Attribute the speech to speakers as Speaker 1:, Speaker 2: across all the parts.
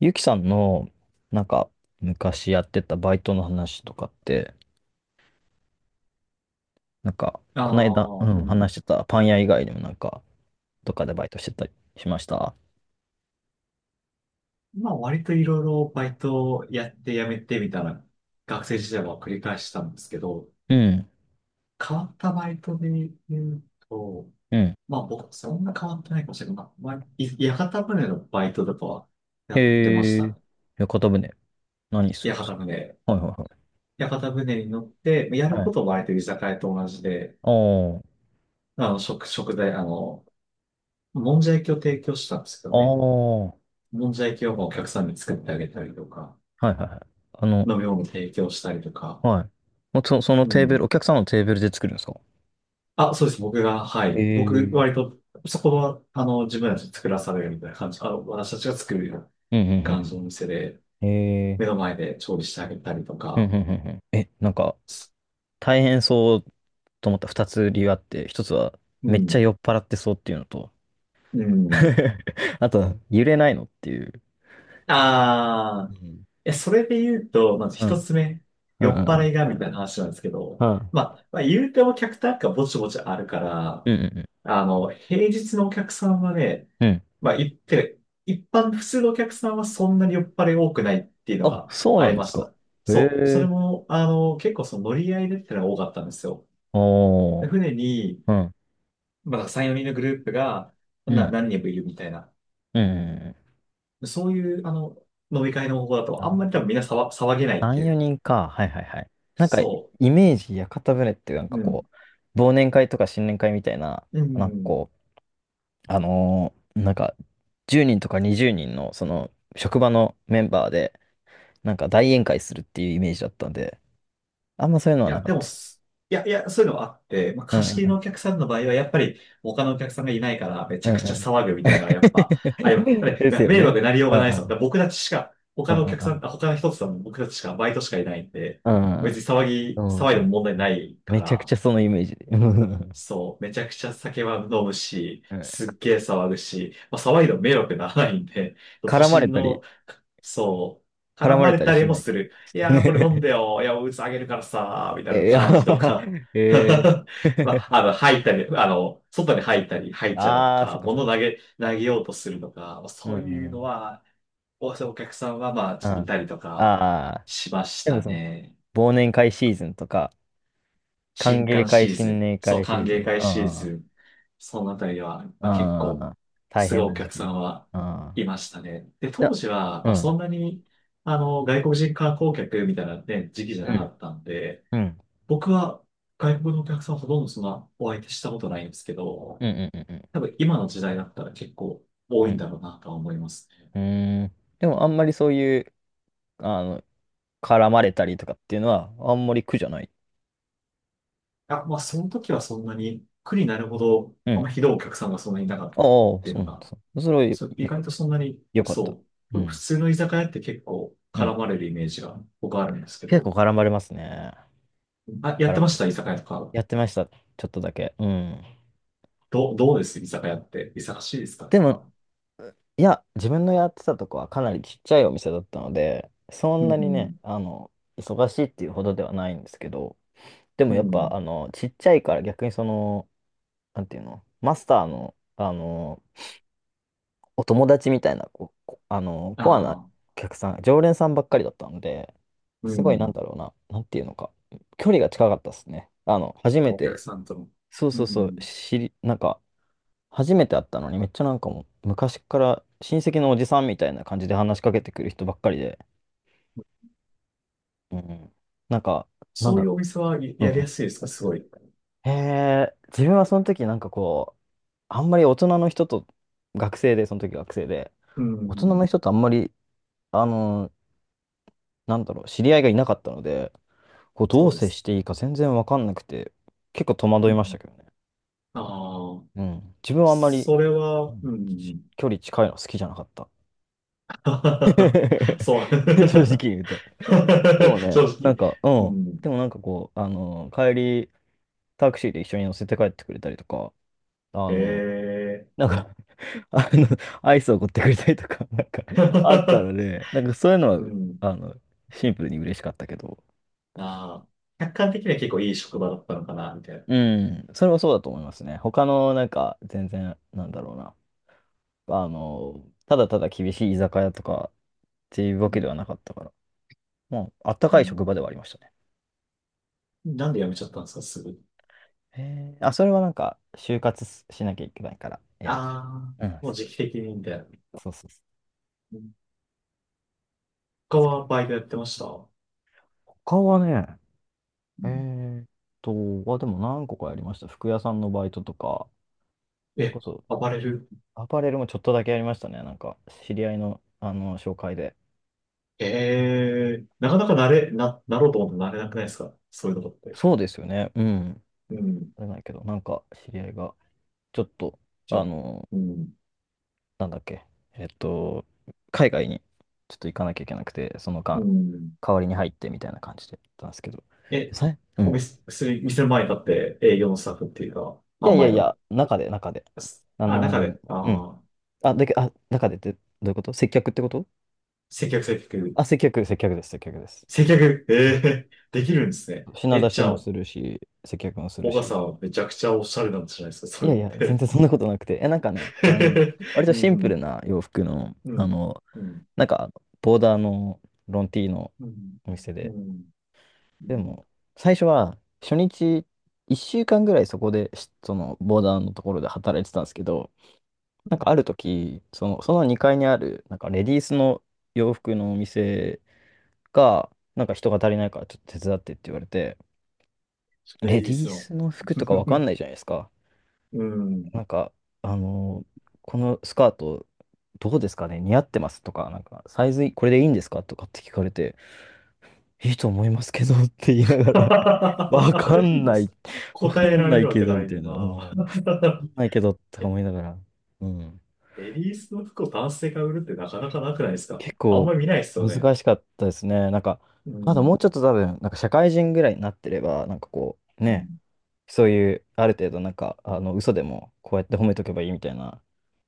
Speaker 1: ゆきさんの、なんか、昔やってたバイトの話とかって、
Speaker 2: あ
Speaker 1: この間、う
Speaker 2: あ、う
Speaker 1: ん、
Speaker 2: ん。
Speaker 1: 話してたパン屋以外にもどっかでバイトしてたりしました。
Speaker 2: まあ割といろいろバイトをやって辞めてみたいな学生時代は繰り返したんですけど、
Speaker 1: うん、
Speaker 2: 変わったバイトで言うと、
Speaker 1: うん。
Speaker 2: まあ僕そんな変わってないかもしれない。まあ屋形船のバイトとかはやってまし
Speaker 1: へ
Speaker 2: た
Speaker 1: え。
Speaker 2: ね。
Speaker 1: 屋形船、何するん
Speaker 2: 屋
Speaker 1: で
Speaker 2: 形
Speaker 1: すか？
Speaker 2: 船。
Speaker 1: はいはいは
Speaker 2: 屋形船に乗って、や
Speaker 1: い。
Speaker 2: る
Speaker 1: は
Speaker 2: こ
Speaker 1: い。
Speaker 2: とは割と居酒屋と同じで、
Speaker 1: あ
Speaker 2: 食材、もんじゃ焼きを提供したんですけど
Speaker 1: あ、ああ、
Speaker 2: ね。
Speaker 1: は
Speaker 2: もんじゃ焼きをお客さんに作ってあげたりとか、
Speaker 1: いはいはい。あの、
Speaker 2: 飲み物提供したりとか、
Speaker 1: はい。もうそ、その
Speaker 2: う
Speaker 1: テーブル、お
Speaker 2: ん。
Speaker 1: 客さんのテーブルで作るんですか？
Speaker 2: あ、そうです。僕が、は
Speaker 1: へ
Speaker 2: い。僕、
Speaker 1: え。
Speaker 2: 割と、そこは、自分たちで作らされるみたいな感じ。私たちが作るような
Speaker 1: うんうんう
Speaker 2: 感じ
Speaker 1: ん
Speaker 2: のお店で、
Speaker 1: うん。へえ。
Speaker 2: 目の前で調理してあげたりと
Speaker 1: うんうん
Speaker 2: か。
Speaker 1: うんうん。え、なんか、大変そうと思った二つ理由あって、一つは、
Speaker 2: う
Speaker 1: めっちゃ
Speaker 2: ん。
Speaker 1: 酔っ払ってそうっていうのと、
Speaker 2: うん。
Speaker 1: あとは、揺れないのっていう。
Speaker 2: あ
Speaker 1: う
Speaker 2: あ、
Speaker 1: ん。
Speaker 2: え、それで言うと、まず
Speaker 1: う
Speaker 2: 一
Speaker 1: ん。
Speaker 2: つ目、
Speaker 1: うん
Speaker 2: 酔
Speaker 1: うんう
Speaker 2: っ払
Speaker 1: ん。
Speaker 2: いがみたいな話なんですけど、まあ、まあ、言うてお客単価ぼちぼちあるか
Speaker 1: う
Speaker 2: ら、
Speaker 1: んうんう
Speaker 2: 平日のお客さんはね、
Speaker 1: ん。うん。
Speaker 2: まあ、言ってる一般、普通のお客さんはそんなに酔っ払い多くないっていうの
Speaker 1: あ、
Speaker 2: は
Speaker 1: そう
Speaker 2: あ
Speaker 1: な
Speaker 2: り
Speaker 1: んで
Speaker 2: ま
Speaker 1: す
Speaker 2: し
Speaker 1: か。
Speaker 2: た。
Speaker 1: へ
Speaker 2: そう。それ
Speaker 1: え。
Speaker 2: も、結構その乗り合いでってのが多かったんですよ。
Speaker 1: お
Speaker 2: で
Speaker 1: ー。
Speaker 2: 船に、
Speaker 1: うん。
Speaker 2: まあ、3、4人のグループが、
Speaker 1: う
Speaker 2: な、
Speaker 1: ん。
Speaker 2: 何人もいるみたいな。
Speaker 1: うん。
Speaker 2: そういう、飲み会の方法だと、あんまり多分みんな騒げないって
Speaker 1: 3、
Speaker 2: いう。
Speaker 1: 4人か。はいはいはい。なんか、
Speaker 2: そ
Speaker 1: イメージ、屋形船ってなんか
Speaker 2: う。うん。
Speaker 1: こう、忘年会とか新年会みたいな、
Speaker 2: う
Speaker 1: なんか
Speaker 2: ん。
Speaker 1: こう、あのーなんか、10人とか20人の、その、職場のメンバーで、なんか大宴会するっていうイメージだったんで、あんまそういうのは
Speaker 2: い
Speaker 1: な
Speaker 2: や、
Speaker 1: か
Speaker 2: で
Speaker 1: っ
Speaker 2: も
Speaker 1: た。
Speaker 2: す、いや、いや、そういうのはあって、まあ、
Speaker 1: うん
Speaker 2: 貸し切り
Speaker 1: うん
Speaker 2: のお客さんの場合は、やっぱり、他のお客さんがいないから、めち
Speaker 1: う
Speaker 2: ゃ
Speaker 1: んう
Speaker 2: く
Speaker 1: ん
Speaker 2: ちゃ
Speaker 1: うん。
Speaker 2: 騒ぐみたいなのは、やっぱ、あやりま す
Speaker 1: です
Speaker 2: で
Speaker 1: よ
Speaker 2: 迷
Speaker 1: ね。
Speaker 2: 惑になりよう
Speaker 1: うん
Speaker 2: が
Speaker 1: う
Speaker 2: ないですもん。だ
Speaker 1: ん
Speaker 2: から僕たちしか、
Speaker 1: う
Speaker 2: 他
Speaker 1: ん
Speaker 2: のお客
Speaker 1: う
Speaker 2: さ
Speaker 1: ん
Speaker 2: ん、あ他の人たちさんも僕たちしか、バイトしかいないんで、
Speaker 1: うん
Speaker 2: 別に騒
Speaker 1: う
Speaker 2: ぎ、
Speaker 1: んう
Speaker 2: 騒いでも
Speaker 1: ん。
Speaker 2: 問題ないか
Speaker 1: めちゃくち
Speaker 2: ら、
Speaker 1: ゃそのイメージで。うんうん
Speaker 2: そう、めちゃくちゃ酒は飲むし、
Speaker 1: うん。
Speaker 2: すっげえ騒ぐし、まあ、騒いでも迷惑ならないんで、都
Speaker 1: 絡まれ
Speaker 2: 心
Speaker 1: たり、
Speaker 2: の、そう、
Speaker 1: 絡
Speaker 2: 絡
Speaker 1: ま
Speaker 2: ま
Speaker 1: れ
Speaker 2: れ
Speaker 1: たり
Speaker 2: たり
Speaker 1: し
Speaker 2: も
Speaker 1: ない。
Speaker 2: する。いやー、これ飲ん
Speaker 1: ね。
Speaker 2: でよ。いや、おうつあげるからさー、みたいな
Speaker 1: えー、
Speaker 2: 感じと
Speaker 1: あ
Speaker 2: か。
Speaker 1: ー えー
Speaker 2: まあ、吐いたり、外に吐いたり、吐いちゃうと
Speaker 1: ああそっ
Speaker 2: か、
Speaker 1: かそっ
Speaker 2: 物
Speaker 1: か。
Speaker 2: 投げ、投げようとするとか、まあ
Speaker 1: うん
Speaker 2: そうい
Speaker 1: う
Speaker 2: うの
Speaker 1: ん
Speaker 2: は、お客さんは、まあ、
Speaker 1: う
Speaker 2: ち
Speaker 1: ん。
Speaker 2: ょっとい
Speaker 1: あ
Speaker 2: たりとか、
Speaker 1: あ
Speaker 2: しま
Speaker 1: ー、
Speaker 2: し
Speaker 1: でも
Speaker 2: た
Speaker 1: その、
Speaker 2: ね。
Speaker 1: 忘年会シーズンとか、歓
Speaker 2: 新
Speaker 1: 迎
Speaker 2: 歓
Speaker 1: 会、
Speaker 2: シーズ
Speaker 1: 新
Speaker 2: ン、
Speaker 1: 年
Speaker 2: そう、
Speaker 1: 会シ
Speaker 2: 歓
Speaker 1: ーズ
Speaker 2: 迎
Speaker 1: ン。
Speaker 2: 会
Speaker 1: うんう
Speaker 2: シー
Speaker 1: んうん。
Speaker 2: ズン、そのあたりは、まあ、結
Speaker 1: あ
Speaker 2: 構、
Speaker 1: あ、大
Speaker 2: すごい
Speaker 1: 変
Speaker 2: お
Speaker 1: な時
Speaker 2: 客さ
Speaker 1: 期。
Speaker 2: んは
Speaker 1: ああ、
Speaker 2: いましたね。で、
Speaker 1: いや、
Speaker 2: 当時は、
Speaker 1: う
Speaker 2: まあ、そ
Speaker 1: ん。
Speaker 2: んなに、外国人観光客みたいなね、時期じゃ
Speaker 1: う
Speaker 2: なか
Speaker 1: ん。
Speaker 2: ったんで、
Speaker 1: うん。
Speaker 2: 僕は外国のお客さんほとんどそんなお相手したことないんですけど、
Speaker 1: うん。うん。うん。
Speaker 2: 多分今の時代だったら結構
Speaker 1: う
Speaker 2: 多
Speaker 1: ん。う
Speaker 2: いん
Speaker 1: ん。
Speaker 2: だろうなとは思います。
Speaker 1: うーんでも、あんまりそういう、あの、絡まれたりとかっていうのは、あんまり苦じゃない。
Speaker 2: あ、まあ、その時はそんなに苦になるほど、
Speaker 1: う
Speaker 2: あんま
Speaker 1: ん。
Speaker 2: ひどいお客さんがそんなにいなかっ
Speaker 1: ああ、
Speaker 2: たって
Speaker 1: そ
Speaker 2: いう
Speaker 1: う
Speaker 2: の
Speaker 1: なんで
Speaker 2: が
Speaker 1: すね。それはよ、
Speaker 2: そう、
Speaker 1: な
Speaker 2: 意
Speaker 1: んか、
Speaker 2: 外とそんなに、
Speaker 1: よかった。
Speaker 2: そ
Speaker 1: う
Speaker 2: う、普
Speaker 1: ん。
Speaker 2: 通の居酒屋って結構
Speaker 1: う
Speaker 2: 絡
Speaker 1: ん。
Speaker 2: まれるイメージが僕あるんですけ
Speaker 1: 結構
Speaker 2: ど、
Speaker 1: 絡まれますね。
Speaker 2: あ、やっ
Speaker 1: 絡
Speaker 2: てま
Speaker 1: ま
Speaker 2: し
Speaker 1: れ
Speaker 2: た
Speaker 1: る。
Speaker 2: 居酒屋とか。
Speaker 1: やってました。ちょっとだけ。うん。
Speaker 2: どうです居酒屋って。忙しいですかや
Speaker 1: で
Speaker 2: っ
Speaker 1: も、
Speaker 2: ぱ。
Speaker 1: いや、自分のやってたとこはかなりちっちゃいお店だったので、そ
Speaker 2: う
Speaker 1: んなにね、
Speaker 2: ん、
Speaker 1: あの、忙しいっていうほどではないんですけど、でも
Speaker 2: う
Speaker 1: やっぱ、
Speaker 2: ん、
Speaker 1: あの、ちっちゃいから逆にその、なんていうの、マスターの、あの、お友達みたいな、こう、こあの、
Speaker 2: あ
Speaker 1: コアなお
Speaker 2: あ、
Speaker 1: 客さん、常連さんばっかりだったので、
Speaker 2: う
Speaker 1: すごいなん
Speaker 2: ん。
Speaker 1: だろうな、なんていうのか、距離が近かったですね。あの、初め
Speaker 2: お客
Speaker 1: て、
Speaker 2: さんとの。
Speaker 1: そう
Speaker 2: う
Speaker 1: そうそう、
Speaker 2: ん。
Speaker 1: 知り、なんか、初めて会ったのに、めっちゃなんかもう、昔から親戚のおじさんみたいな感じで話しかけてくる人ばっかりで、うんうん、なんか、なん
Speaker 2: そう
Speaker 1: だ
Speaker 2: い
Speaker 1: ろ
Speaker 2: うお店はや
Speaker 1: う。う
Speaker 2: やりや
Speaker 1: ん。
Speaker 2: すいですかすごい。
Speaker 1: へえ、自分はその時なんかこう、あんまり大人の人と、学生で、その時学生で、
Speaker 2: う
Speaker 1: 大人の
Speaker 2: ん、
Speaker 1: 人とあんまり、あの、なんだろう、知り合いがいなかったので、こうど
Speaker 2: そ
Speaker 1: う
Speaker 2: うで
Speaker 1: 接
Speaker 2: す。
Speaker 1: していいか全然わかんなくて、結構戸惑
Speaker 2: う
Speaker 1: いまし
Speaker 2: ん。
Speaker 1: たけどね。
Speaker 2: ああ、
Speaker 1: うん。自分はあんまり、
Speaker 2: それ
Speaker 1: う
Speaker 2: は、
Speaker 1: ん
Speaker 2: う
Speaker 1: ち
Speaker 2: ん。
Speaker 1: 距離近いの好きじゃなかった。
Speaker 2: そう。
Speaker 1: 正直言 うと。でもね、
Speaker 2: 正
Speaker 1: なん
Speaker 2: 直。
Speaker 1: か、う
Speaker 2: う
Speaker 1: ん。
Speaker 2: ん。
Speaker 1: でもなんかこう、あの、帰り、タクシーで一緒に乗せて帰ってくれたりとか、あ
Speaker 2: え
Speaker 1: の、
Speaker 2: え
Speaker 1: なんかあの、アイスを送ってくれたりとか、なんか、あったの で、なんかそういうのは、
Speaker 2: うん。
Speaker 1: あの、シンプルに嬉しかったけど、
Speaker 2: ああ、客観的には結構いい職場だったのかな、みたいな。
Speaker 1: うん、それはそうだと思いますね。他の、なんか、全然、なんだろうな、あの、ただただ厳しい居酒屋とかっていうわ
Speaker 2: う
Speaker 1: けで
Speaker 2: ん。
Speaker 1: はなかったから、もう、あった
Speaker 2: う
Speaker 1: かい
Speaker 2: ん
Speaker 1: 職場ではありましたね。
Speaker 2: なんで辞めちゃったんですか、すぐ。
Speaker 1: へー。あ、それはなんか、就活しなきゃいけないから、や
Speaker 2: あ
Speaker 1: めてし
Speaker 2: あ、
Speaker 1: まった。
Speaker 2: もう
Speaker 1: うん、
Speaker 2: 時期的に、みたいな。
Speaker 1: そうそうそうそう。
Speaker 2: うん他
Speaker 1: ですけど
Speaker 2: はバイトやってました。う
Speaker 1: 他はね、え
Speaker 2: ん
Speaker 1: ーっと、あ、でも何個かやりました。服屋さんのバイトとか、それこ
Speaker 2: え、
Speaker 1: そ、
Speaker 2: アパレル
Speaker 1: アパレルもちょっとだけやりましたね。なんか、知り合いの、あの、紹介で。
Speaker 2: えなかなかなれ、な、なろうと思ってなれなくないですかそういうことって。
Speaker 1: そうですよね。うん。
Speaker 2: うん。
Speaker 1: あれないけど、なんか、知り合いが、ちょっと、
Speaker 2: じゃ
Speaker 1: あ
Speaker 2: あ、
Speaker 1: の、
Speaker 2: うん。
Speaker 1: なんだっけ、えっと、海外にちょっと行かなきゃいけなくて、その
Speaker 2: う
Speaker 1: 間、
Speaker 2: ん。
Speaker 1: 代わりに入ってみたいな感じでやったんですけど。
Speaker 2: え、
Speaker 1: さいう
Speaker 2: お
Speaker 1: ん。
Speaker 2: 店、薬店の前に立って営業のスタッフっていうか、
Speaker 1: いや
Speaker 2: 販
Speaker 1: いや
Speaker 2: 売
Speaker 1: い
Speaker 2: の、
Speaker 1: や、中で、中で。あ
Speaker 2: あ、中で、
Speaker 1: の、
Speaker 2: あ
Speaker 1: うん。
Speaker 2: あ、
Speaker 1: あ、だけ、あ、中でってどういうこと？接客ってこと？
Speaker 2: 接客接客。
Speaker 1: あ、接客、接客です、接客です。
Speaker 2: 接
Speaker 1: 接客。
Speaker 2: 客、
Speaker 1: あ、
Speaker 2: できるんですね。
Speaker 1: 品
Speaker 2: え、
Speaker 1: 出
Speaker 2: じ
Speaker 1: し
Speaker 2: ゃ
Speaker 1: も
Speaker 2: あ、
Speaker 1: するし、接客もする
Speaker 2: 小川
Speaker 1: し。
Speaker 2: さんはめちゃくちゃおしゃれなんじゃないですか、
Speaker 1: い
Speaker 2: それ
Speaker 1: や
Speaker 2: っ
Speaker 1: いや、全
Speaker 2: て。
Speaker 1: 然そんなことなくて。え、なんかね、あの、割 と
Speaker 2: う
Speaker 1: シンプル
Speaker 2: ん、
Speaker 1: な洋服の、
Speaker 2: う
Speaker 1: あ
Speaker 2: ん、
Speaker 1: の、
Speaker 2: うん、
Speaker 1: なんか、ボーダーのロンティーの
Speaker 2: うん、
Speaker 1: お店
Speaker 2: う
Speaker 1: で。
Speaker 2: ん、う
Speaker 1: で
Speaker 2: ん。
Speaker 1: も、最初は、初日、1週間ぐらいそこで、しその、ボーダーのところで働いてたんですけど、なんかある時、その、その2階にある、なんか、レディースの洋服のお店が、なんか人が足りないから、ちょっと手伝ってって言われて、
Speaker 2: レ
Speaker 1: レ
Speaker 2: ディ
Speaker 1: デ
Speaker 2: ー
Speaker 1: ィー
Speaker 2: スの。
Speaker 1: スの服とかわかん ないじゃないですか。
Speaker 2: うん。
Speaker 1: なんか、あのーこのスカート、どうですかね似合ってますとか、なんか、サイズこれでいいんですかとかって聞かれて、いいと思いますけどって言いながら、わか
Speaker 2: い
Speaker 1: ん
Speaker 2: いで
Speaker 1: ない、
Speaker 2: す。
Speaker 1: わ
Speaker 2: 答
Speaker 1: か
Speaker 2: え
Speaker 1: ん
Speaker 2: ら
Speaker 1: な
Speaker 2: れ
Speaker 1: い
Speaker 2: るわ
Speaker 1: け
Speaker 2: け
Speaker 1: ど、
Speaker 2: な
Speaker 1: み
Speaker 2: い
Speaker 1: た
Speaker 2: の
Speaker 1: いな、うん、わか
Speaker 2: な。
Speaker 1: んないけどとか
Speaker 2: え、
Speaker 1: 思いながら、うん、
Speaker 2: レディースの服を男性が売るってなかなかなくないですか
Speaker 1: 結
Speaker 2: あん
Speaker 1: 構
Speaker 2: まり見ないですよね。
Speaker 1: 難しかったですね。なんか、
Speaker 2: う
Speaker 1: まだもう
Speaker 2: ん、
Speaker 1: ちょっと多分、なんか社会人ぐらいになってれば、なんかこう、
Speaker 2: う
Speaker 1: ね、
Speaker 2: ん、
Speaker 1: そういう、ある程度なんか、あの、嘘でもこうやって褒めとけばいいみたいな、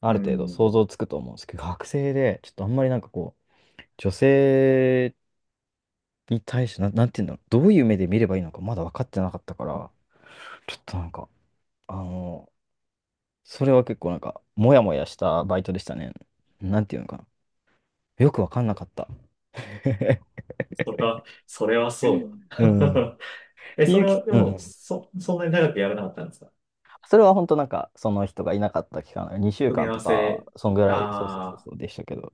Speaker 1: あ
Speaker 2: う
Speaker 1: る程度想
Speaker 2: ん。
Speaker 1: 像つくと思うんですけど、学生で、ちょっとあんまりなんかこう、女性に対して、なんていうんだろう、どういう目で見ればいいのかまだ分かってなかったから、ちょっとなんか、あの、それは結構なんか、モヤモヤしたバイトでしたね。なんていうのかな。よく分かんなかった。
Speaker 2: それは、それはそう
Speaker 1: うん。
Speaker 2: だ。え、そ
Speaker 1: ゆう
Speaker 2: れ
Speaker 1: き、
Speaker 2: は、で
Speaker 1: う
Speaker 2: も、
Speaker 1: ん。
Speaker 2: そんなに長くやらなかったんですか
Speaker 1: それは本当なんか、その人がいなかった期間、2週
Speaker 2: 組み
Speaker 1: 間
Speaker 2: 合わ
Speaker 1: とか、
Speaker 2: せ、
Speaker 1: そんぐらい、そうそうそう
Speaker 2: ああ、
Speaker 1: そうでしたけど。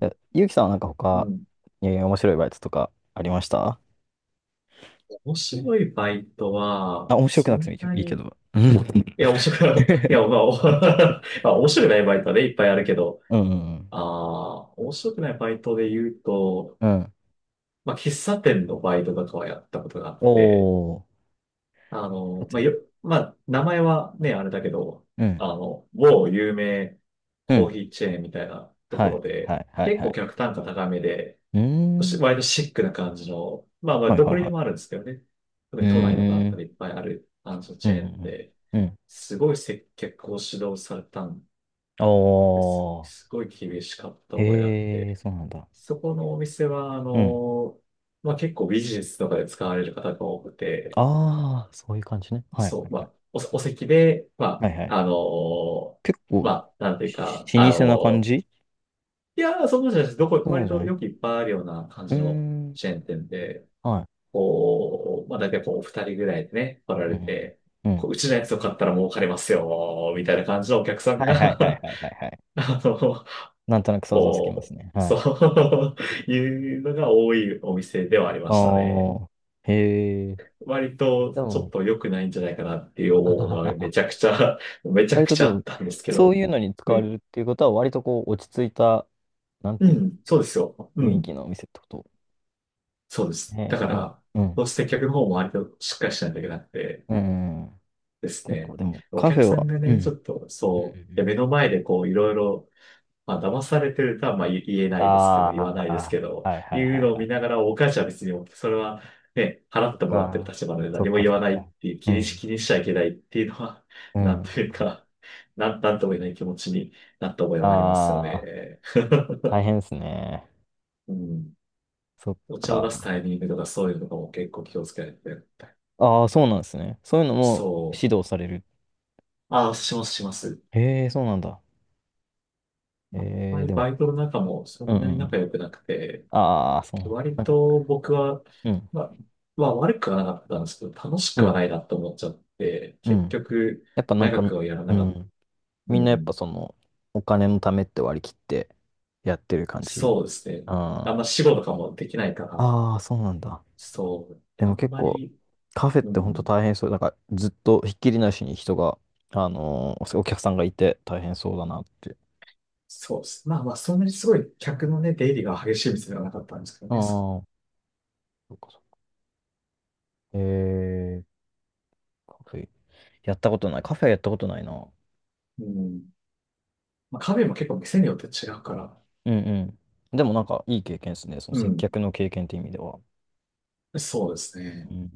Speaker 1: え、ゆうきさんはなんか
Speaker 2: う
Speaker 1: 他、
Speaker 2: ん。
Speaker 1: えー面白いバイトとかありました？
Speaker 2: 面白いバイト
Speaker 1: あ、
Speaker 2: は、
Speaker 1: 面白く
Speaker 2: そ
Speaker 1: なくてもいい
Speaker 2: ん
Speaker 1: けど。
Speaker 2: な
Speaker 1: いいけ
Speaker 2: に、い
Speaker 1: どうん。
Speaker 2: や、面白くない、いや、まあ、お まあ面白くないバイトはね、いっぱいあるけど、
Speaker 1: うんうん
Speaker 2: ああ、面白くないバイトで言うと、
Speaker 1: うん。
Speaker 2: まあ、喫茶店のバイトとかはやったことがあって、
Speaker 1: おー。そうです
Speaker 2: まあ、
Speaker 1: ね。
Speaker 2: よ、まあ、名前はね、あれだけど、
Speaker 1: うん。
Speaker 2: 某有名
Speaker 1: う
Speaker 2: コーヒ
Speaker 1: ん。
Speaker 2: ーチェーンみたいなと
Speaker 1: は
Speaker 2: ころ
Speaker 1: い。は
Speaker 2: で、
Speaker 1: い。はい。
Speaker 2: 結
Speaker 1: は
Speaker 2: 構
Speaker 1: い。
Speaker 2: 客単価高めで、
Speaker 1: うー
Speaker 2: し
Speaker 1: ん。
Speaker 2: 割とシックな感じの、まあまあ、
Speaker 1: はい
Speaker 2: ど
Speaker 1: は
Speaker 2: こ
Speaker 1: い
Speaker 2: に
Speaker 1: は
Speaker 2: で
Speaker 1: い。
Speaker 2: もあるんですけどね。特
Speaker 1: う
Speaker 2: に都内のバーと
Speaker 1: ー
Speaker 2: か
Speaker 1: ん。
Speaker 2: でいっぱいあるあのチ
Speaker 1: うん。
Speaker 2: ェーンで、
Speaker 1: うん。うん。
Speaker 2: すごい接客を指導されたんですよ。
Speaker 1: お
Speaker 2: す
Speaker 1: ー。
Speaker 2: ごい厳しかった覚えがあっ
Speaker 1: へえ、
Speaker 2: て。
Speaker 1: そうなんだ。
Speaker 2: そこのお店は、
Speaker 1: うん。
Speaker 2: まあ結構ビジネスとかで使われる方が多くて、
Speaker 1: ああ、そういう感じね。はい
Speaker 2: そ
Speaker 1: は
Speaker 2: う、
Speaker 1: い
Speaker 2: ま
Speaker 1: はい。
Speaker 2: あ、お席で、
Speaker 1: は
Speaker 2: ま
Speaker 1: いはい。
Speaker 2: あ、
Speaker 1: 結
Speaker 2: ま
Speaker 1: 構、
Speaker 2: あ、なんていうか、
Speaker 1: し老舗な感じ？
Speaker 2: いや、そんなことじゃないです。どこ、
Speaker 1: そうなん
Speaker 2: 割
Speaker 1: じゃな
Speaker 2: と
Speaker 1: い？
Speaker 2: よくいっぱいあるような感
Speaker 1: うー
Speaker 2: じの
Speaker 1: ん。
Speaker 2: チェーン店で、
Speaker 1: はい。
Speaker 2: こう、まあ大体こう、二人ぐらいでね、来ら
Speaker 1: う
Speaker 2: れ
Speaker 1: ん
Speaker 2: て、
Speaker 1: う
Speaker 2: こ
Speaker 1: ん。
Speaker 2: う、うちのやつを買ったら儲かりますよ、みたいな感じのお客さん
Speaker 1: はいはいはい
Speaker 2: が
Speaker 1: はいはいはい。
Speaker 2: あの、
Speaker 1: なんとなく想像つきます
Speaker 2: こう、
Speaker 1: ね。は
Speaker 2: そ
Speaker 1: い。
Speaker 2: う いうのが多いお店ではありま
Speaker 1: あ
Speaker 2: したね。
Speaker 1: あ、へえ。
Speaker 2: 割と
Speaker 1: で
Speaker 2: ちょっ
Speaker 1: も、
Speaker 2: と良くないんじゃないかなっていう思うのはめちゃく ちゃ、めちゃ
Speaker 1: 割
Speaker 2: く
Speaker 1: と
Speaker 2: ち
Speaker 1: で
Speaker 2: ゃあ
Speaker 1: も、
Speaker 2: ったんですけ
Speaker 1: そう
Speaker 2: ど。
Speaker 1: いうのに使
Speaker 2: う
Speaker 1: われ
Speaker 2: ん。
Speaker 1: るっていうことは、割とこう、落ち着いた、なん
Speaker 2: う
Speaker 1: ていう
Speaker 2: ん。そうですよ。う
Speaker 1: の、雰囲
Speaker 2: ん。
Speaker 1: 気のお店ってこと。
Speaker 2: そうです。
Speaker 1: え
Speaker 2: だ
Speaker 1: ー、
Speaker 2: か
Speaker 1: でも、
Speaker 2: ら、
Speaker 1: うん。
Speaker 2: どうして客の方も割としっかりしないといけなくて、
Speaker 1: うん。うん。
Speaker 2: です
Speaker 1: 結構、
Speaker 2: ね。
Speaker 1: でも、
Speaker 2: お
Speaker 1: カフ
Speaker 2: 客
Speaker 1: ェ
Speaker 2: さ
Speaker 1: は、
Speaker 2: んが
Speaker 1: うん。う
Speaker 2: ね、ちょ
Speaker 1: ん
Speaker 2: っと、
Speaker 1: うん
Speaker 2: そう、い
Speaker 1: う
Speaker 2: や
Speaker 1: ん。
Speaker 2: 目の前でこう、いろいろ、まあ、騙されてるとは、まあ、言言えな
Speaker 1: あ
Speaker 2: いですけど、言わないです
Speaker 1: あ
Speaker 2: け
Speaker 1: ー、
Speaker 2: ど、
Speaker 1: はいは
Speaker 2: い
Speaker 1: い
Speaker 2: う
Speaker 1: はい
Speaker 2: のを
Speaker 1: は
Speaker 2: 見
Speaker 1: い。
Speaker 2: ながら、お母ちゃんは別に、それは、ね、払
Speaker 1: そ
Speaker 2: っ
Speaker 1: っ
Speaker 2: てもらってる
Speaker 1: か、
Speaker 2: 立場なので
Speaker 1: そ
Speaker 2: 何
Speaker 1: っ
Speaker 2: も
Speaker 1: か
Speaker 2: 言
Speaker 1: そ
Speaker 2: わ
Speaker 1: っ
Speaker 2: ないっ
Speaker 1: か。
Speaker 2: ていう、
Speaker 1: う
Speaker 2: 気にし、
Speaker 1: ん。
Speaker 2: 気にしちゃいけないっていうのは、
Speaker 1: う
Speaker 2: なん
Speaker 1: ん。
Speaker 2: というか、なんとも言えない気持ちになった覚えはありますよ
Speaker 1: ああ、
Speaker 2: ね。
Speaker 1: 大変ですね。
Speaker 2: うん。
Speaker 1: そっ
Speaker 2: お茶を出す
Speaker 1: か。
Speaker 2: タイミングとかそういうのとかも結構気をつけないといけない。
Speaker 1: ああ、そうなんですね。そういうのも
Speaker 2: そう。
Speaker 1: 指導される。
Speaker 2: あ、します、します。
Speaker 1: へえ、そうなんだ。
Speaker 2: あま
Speaker 1: ええ、
Speaker 2: り
Speaker 1: で
Speaker 2: バ
Speaker 1: も、
Speaker 2: イトの中もそ
Speaker 1: うん
Speaker 2: ん
Speaker 1: うん
Speaker 2: なに
Speaker 1: う
Speaker 2: 仲
Speaker 1: ん。
Speaker 2: 良くなくて、
Speaker 1: ああ、そう。
Speaker 2: 割
Speaker 1: なんか、
Speaker 2: と僕は、
Speaker 1: うん、
Speaker 2: まあ、まあ悪くはなかったんですけど、楽し
Speaker 1: う
Speaker 2: くは
Speaker 1: ん、
Speaker 2: ないなと思っちゃって、
Speaker 1: う
Speaker 2: 結
Speaker 1: ん。
Speaker 2: 局、
Speaker 1: やっぱなんか、
Speaker 2: 長くはやら
Speaker 1: う
Speaker 2: なかった。
Speaker 1: ん。
Speaker 2: う
Speaker 1: みんなやっぱ
Speaker 2: ん、
Speaker 1: その、お金のためって割り切ってやってる感じ。
Speaker 2: そうですね。あ
Speaker 1: あ
Speaker 2: んま仕事とかもできないから、
Speaker 1: あ、ああ、そうなんだ。
Speaker 2: そう、
Speaker 1: で
Speaker 2: あ
Speaker 1: も
Speaker 2: ん
Speaker 1: 結
Speaker 2: ま
Speaker 1: 構、
Speaker 2: り、
Speaker 1: カフェっ
Speaker 2: う
Speaker 1: て本当
Speaker 2: ん、
Speaker 1: 大変そう。なんか、ずっとひっきりなしに人が、お客さんがいて大変そうだなって。
Speaker 2: そうです。まあまあ、そんなにすごい客のね、出入りが激しい店ではなかったんですけど
Speaker 1: あ
Speaker 2: ね。そ
Speaker 1: あ、そうかそう。ええ、カフェ。やったことない。カフェやったことないな。
Speaker 2: うん、まあ、カフェも結構店によって違うから、
Speaker 1: うんうん。でもなんかいい経験ですね。その
Speaker 2: う
Speaker 1: 接
Speaker 2: ん、
Speaker 1: 客の経験って意味では。
Speaker 2: そうです
Speaker 1: う
Speaker 2: ね。
Speaker 1: ん